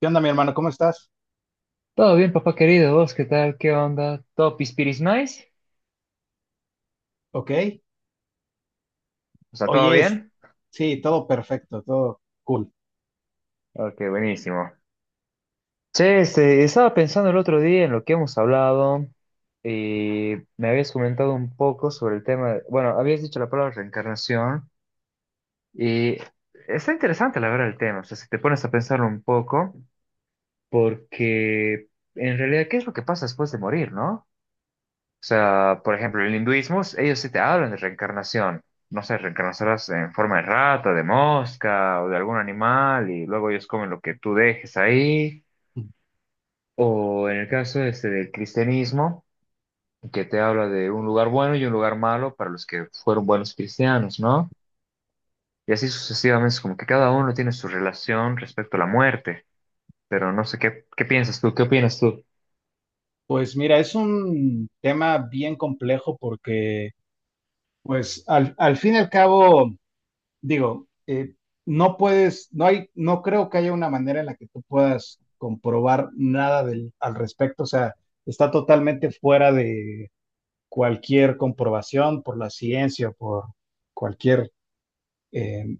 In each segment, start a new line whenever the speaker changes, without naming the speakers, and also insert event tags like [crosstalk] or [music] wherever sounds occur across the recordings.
¿Qué onda, mi hermano? ¿Cómo estás?
Todo bien, papá querido. ¿Vos qué tal? ¿Qué onda? ¿Todo pispiris nice?
Ok.
O sea, ¿todo
Oye,
bien?
sí, todo perfecto, todo cool.
Ok, buenísimo. Che, estaba pensando el otro día en lo que hemos hablado y me habías comentado un poco sobre el tema. Bueno, habías dicho la palabra reencarnación y está interesante la verdad el tema. O sea, si te pones a pensarlo un poco, porque en realidad, ¿qué es lo que pasa después de morir, no? O sea, por ejemplo, el hinduismo, ellos sí te hablan de reencarnación. No sé, reencarnarás en forma de rata, de mosca o de algún animal y luego ellos comen lo que tú dejes ahí. O en el caso este del cristianismo, que te habla de un lugar bueno y un lugar malo para los que fueron buenos cristianos, ¿no? Y así sucesivamente, es como que cada uno tiene su relación respecto a la muerte. Pero no sé qué, qué piensas tú, qué opinas tú.
Pues mira, es un tema bien complejo porque, pues, al fin y al cabo, digo, no puedes, no hay, no creo que haya una manera en la que tú puedas comprobar nada del, al respecto. O sea, está totalmente fuera de cualquier comprobación por la ciencia, por cualquier eh,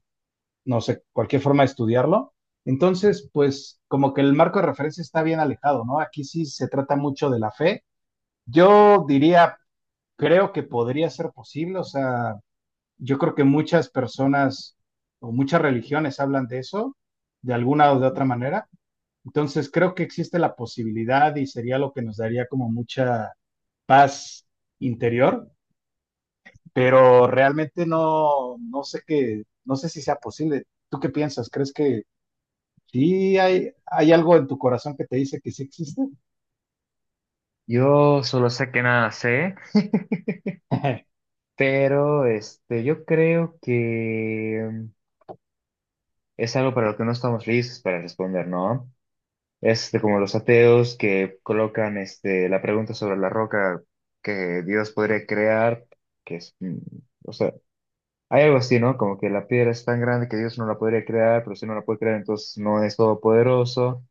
no sé, cualquier forma de estudiarlo. Entonces, pues como que el marco de referencia está bien alejado, ¿no? Aquí sí se trata mucho de la fe. Yo diría, creo que podría ser posible, o sea, yo creo que muchas personas o muchas religiones hablan de eso, de alguna o de otra manera. Entonces, creo que existe la posibilidad y sería lo que nos daría como mucha paz interior, pero realmente no, no sé qué, no sé si sea posible. ¿Tú qué piensas? ¿Crees que sí, hay algo en tu corazón que te dice que sí existe?
Yo solo sé que nada sé,
[laughs]
pero yo creo que es algo para lo que no estamos listos para responder, ¿no? Como los ateos que colocan la pregunta sobre la roca que Dios podría crear, que es, o sea, hay algo así, ¿no? Como que la piedra es tan grande que Dios no la podría crear, pero si no la puede crear, entonces no es todopoderoso,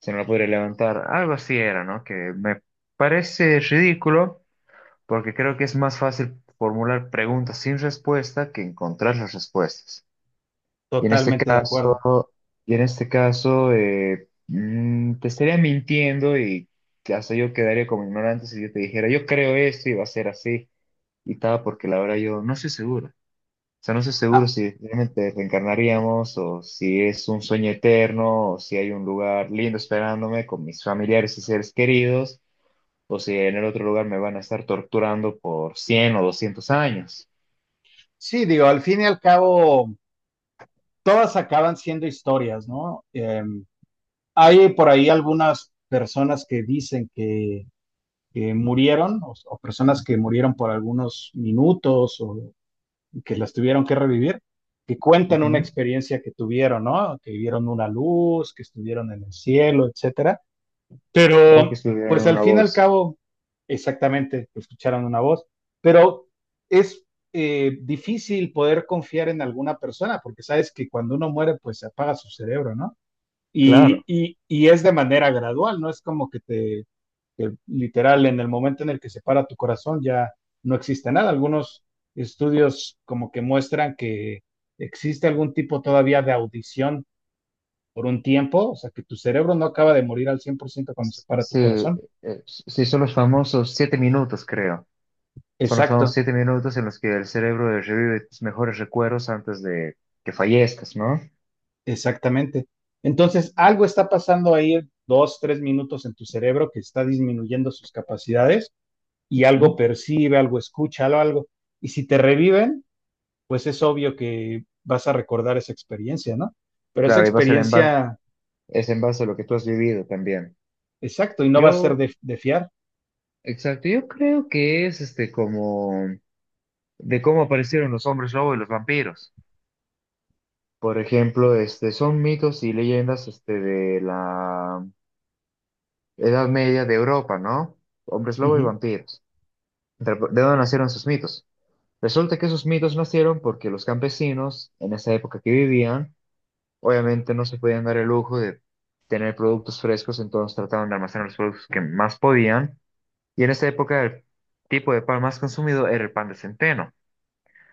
si no la podría levantar, algo así era, ¿no? Que me parece ridículo, porque creo que es más fácil formular preguntas sin respuesta que encontrar las respuestas. Y en este
Totalmente de acuerdo.
caso, y en este caso, te estaría mintiendo y hasta yo quedaría como ignorante si yo te dijera, yo creo esto y va a ser así y tal, porque la verdad yo no estoy seguro. O sea, no estoy seguro
Ah,
si realmente reencarnaríamos o si es un sueño eterno o si hay un lugar lindo esperándome con mis familiares y seres queridos o si en el otro lugar me van a estar torturando por 100 o 200 años.
sí, digo, al fin y al cabo, todas acaban siendo historias, ¿no? Hay por ahí algunas personas que dicen que murieron o personas que murieron por algunos minutos o que las tuvieron que revivir, que cuentan una
Ujú.
experiencia que tuvieron, ¿no? Que vieron una luz, que estuvieron en el cielo, etcétera.
O que
Pero,
estuviera en
pues al
una
fin y al
bolsa.
cabo, exactamente, escucharon una voz, pero es difícil poder confiar en alguna persona, porque sabes que cuando uno muere, pues se apaga su cerebro, ¿no? Y,
Claro.
y, y es de manera gradual, no es como que te, que literal, en el momento en el que se para tu corazón ya no existe nada. Algunos estudios como que muestran que existe algún tipo todavía de audición por un tiempo, o sea, que tu cerebro no acaba de morir al 100% cuando se para tu
Sí,
corazón.
sí, son los famosos 7 minutos, creo. Son los famosos
Exacto,
siete minutos en los que el cerebro revive tus mejores recuerdos antes de que fallezcas, ¿no?
exactamente. Entonces, algo está pasando ahí dos, tres minutos en tu cerebro que está disminuyendo sus capacidades y algo
¿Mm?
percibe, algo escucha, algo, algo. Y si te reviven, pues es obvio que vas a recordar esa experiencia, ¿no? Pero esa
Claro, y va a ser en
experiencia,
es en base a lo que tú has vivido también.
exacto, y no va a ser
Yo,
de fiar.
exacto, yo creo que es como de cómo aparecieron los hombres lobo y los vampiros. Por ejemplo, son mitos y leyendas de la Edad Media de Europa, ¿no? Hombres lobo y
Ujú.
vampiros. ¿De dónde nacieron sus mitos? Resulta que esos mitos nacieron porque los campesinos, en esa época que vivían, obviamente no se podían dar el lujo de tener productos frescos, entonces trataban de almacenar los productos que más podían. Y en esa época el tipo de pan más consumido era el pan de centeno.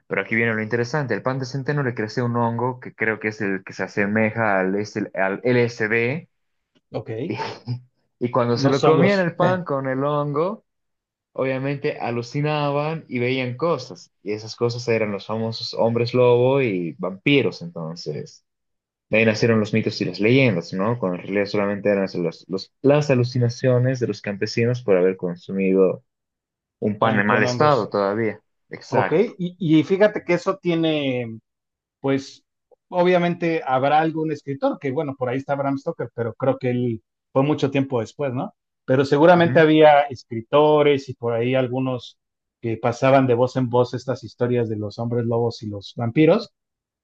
Pero aquí viene lo interesante, el pan de centeno le crece un hongo que creo que es el que se asemeja al, al LSD. [laughs] Y,
Ok,
y cuando se
no
lo comían
hongos,
el pan con el hongo, obviamente alucinaban y veían cosas, y esas cosas eran los famosos hombres lobo y vampiros, entonces. De ahí nacieron los mitos y las leyendas, ¿no? Cuando en realidad solamente eran los- las alucinaciones de los campesinos por haber consumido un pan
van
en mal
con
estado
hongos.
todavía.
Ok,
Exacto.
y fíjate que eso tiene pues obviamente habrá algún escritor, que bueno, por ahí está Bram Stoker, pero creo que él fue mucho tiempo después, ¿no? Pero seguramente
Ujú.
había escritores y por ahí algunos que pasaban de voz en voz estas historias de los hombres lobos y los vampiros,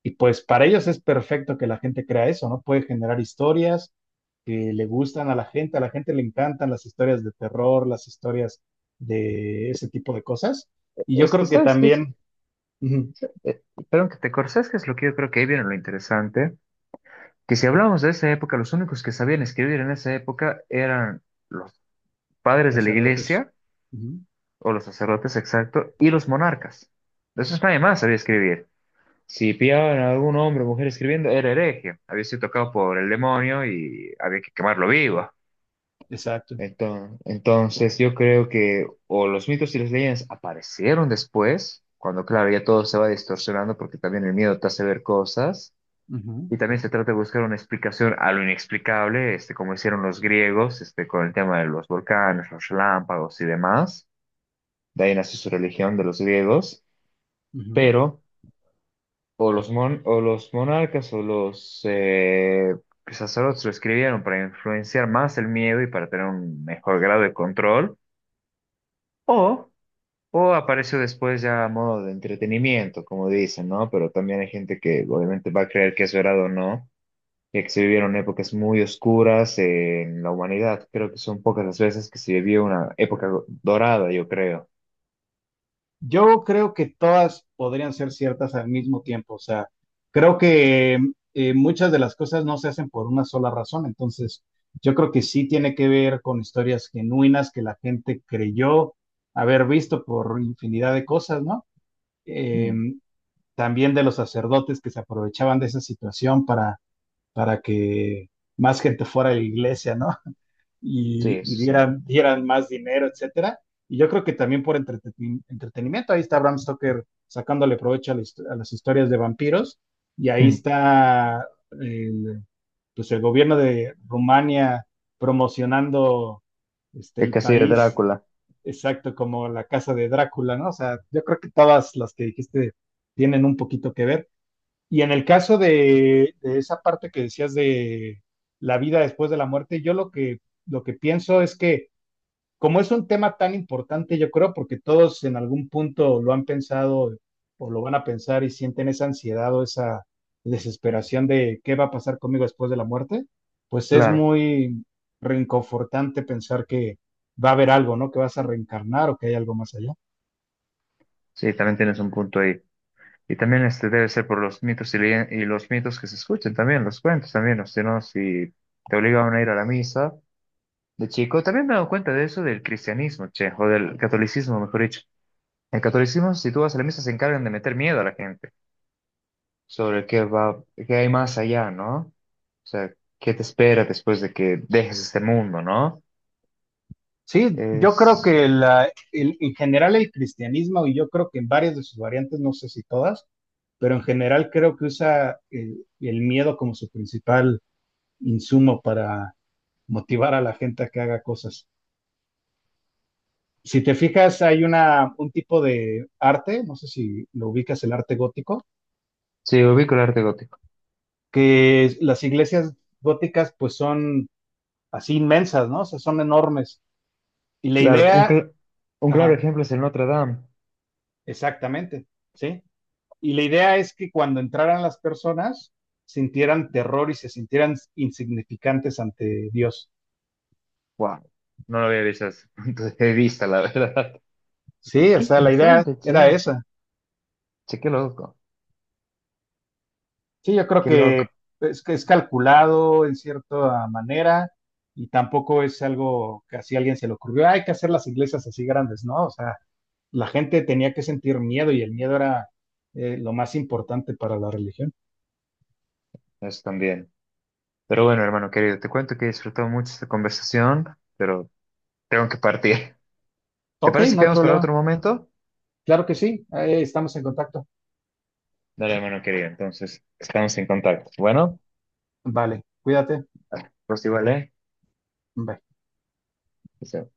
y pues para ellos es perfecto que la gente crea eso, ¿no? Puede generar historias que le gustan a la gente le encantan las historias de terror, las historias de ese tipo de cosas, y yo
Es que,
creo que
¿sabes qué? Es?
también, ujú,
Eh, Perdón que te cortes, ¿sabes qué es lo que yo creo que ahí viene lo interesante? Que si hablamos de esa época, los únicos que sabían escribir en esa época eran los padres de la
sacerdotes,
iglesia
ujú,
o los sacerdotes, exacto, y los monarcas. De esos nadie más sabía escribir. Si pillaban a algún hombre o mujer escribiendo, era hereje, había sido tocado por el demonio y había que quemarlo vivo.
exacto,
Entonces, yo creo que o los mitos y las leyendas aparecieron después, cuando claro, ya todo se va distorsionando porque también el miedo te hace ver cosas.
ujú,
Y también se trata de buscar una explicación a lo inexplicable, como hicieron los griegos, con el tema de los volcanes, los relámpagos y demás. De ahí nació su religión de los griegos.
ujú.
Pero o los monarcas o los sacerdotes lo escribieron para influenciar más el miedo y para tener un mejor grado de control, o, o apareció después ya a modo de entretenimiento, como dicen, ¿no? Pero también hay gente que obviamente va a creer que es verdad o no, ya que se vivieron épocas muy oscuras en la humanidad. Creo que son pocas las veces que se vivió una época dorada, yo creo.
Yo creo que todas podrían ser ciertas al mismo tiempo, o sea, creo que muchas de las cosas no se hacen por una sola razón, entonces yo creo que sí tiene que ver con historias genuinas que la gente creyó haber visto por infinidad de cosas, ¿no? Eh,
Mm,
también de los sacerdotes que se aprovechaban de esa situación para que más gente fuera a la iglesia, ¿no?
sí,
Y
eso sí.
dieran, dieran más dinero, etcétera. Y yo creo que también por entretenimiento, ahí está Bram Stoker sacándole provecho a, a las historias de vampiros, y ahí
Mm,
está el, pues el gobierno de Rumania promocionando este,
El
el
castillo de
país,
Drácula,
exacto, como la casa de Drácula, ¿no? O sea, yo creo que todas las que dijiste tienen un poquito que ver. Y en el caso de esa parte que decías de la vida después de la muerte, yo lo que pienso es que como es un tema tan importante, yo creo, porque todos en algún punto lo han pensado o lo van a pensar y sienten esa ansiedad o esa desesperación de qué va a pasar conmigo después de la muerte, pues es
claro.
muy reconfortante pensar que va a haber algo, ¿no? Que vas a reencarnar o que hay algo más allá.
Sí, también tienes un punto ahí. Y también debe ser por los mitos y, leyen- y los mitos que se escuchan también, los cuentos también, o sea, ¿no? Si te obligaban a ir a la misa de chico, también me he dado cuenta de eso del cristianismo, che, o del catolicismo, mejor dicho. El catolicismo, si tú vas a la misa, se encargan de meter miedo a la gente sobre qué va, qué hay más allá, ¿no? O sea, qué te espera después de que dejes este mundo, ¿no?
Sí, yo creo
Es,
que en general el cristianismo, y yo creo que en varias de sus variantes, no sé si todas, pero en general creo que usa el miedo como su principal insumo para motivar a la gente a que haga cosas. Si te fijas, hay una, un tipo de arte, no sé si lo ubicas, el arte gótico,
sí, ubico el arte gótico.
las iglesias góticas pues son así inmensas, ¿no? O sea, son enormes. Y la
Claro, un,
idea,
cl- un claro
ajá,
ejemplo es el Notre Dame.
exactamente, ¿sí? Y la idea es que cuando entraran las personas, sintieran terror y se sintieran insignificantes ante Dios.
Wow, no lo había visto desde ese punto de vista, la [laughs] verdad.
Sí, o
Qué
sea, la idea
interesante,
era
che.
esa.
Che, qué loco,
Sí, yo creo
qué loco.
que es calculado en cierta manera y tampoco es algo que así a alguien se le ocurrió, "Ah, hay que hacer las iglesias así grandes, ¿no?" O sea, la gente tenía que sentir miedo y el miedo era lo más importante para la religión.
Eso también. Pero bueno, hermano querido, te cuento que he disfrutado mucho esta conversación, pero tengo que partir. [laughs] ¿Te
Ok,
parece
no
que
hay
vamos para
problema.
otro momento?
Claro que sí, estamos en contacto.
Dale, hermano querido, entonces estamos en contacto. Bueno,
Vale, cuídate.
pues igual, ¿eh?
Bye.
Chao.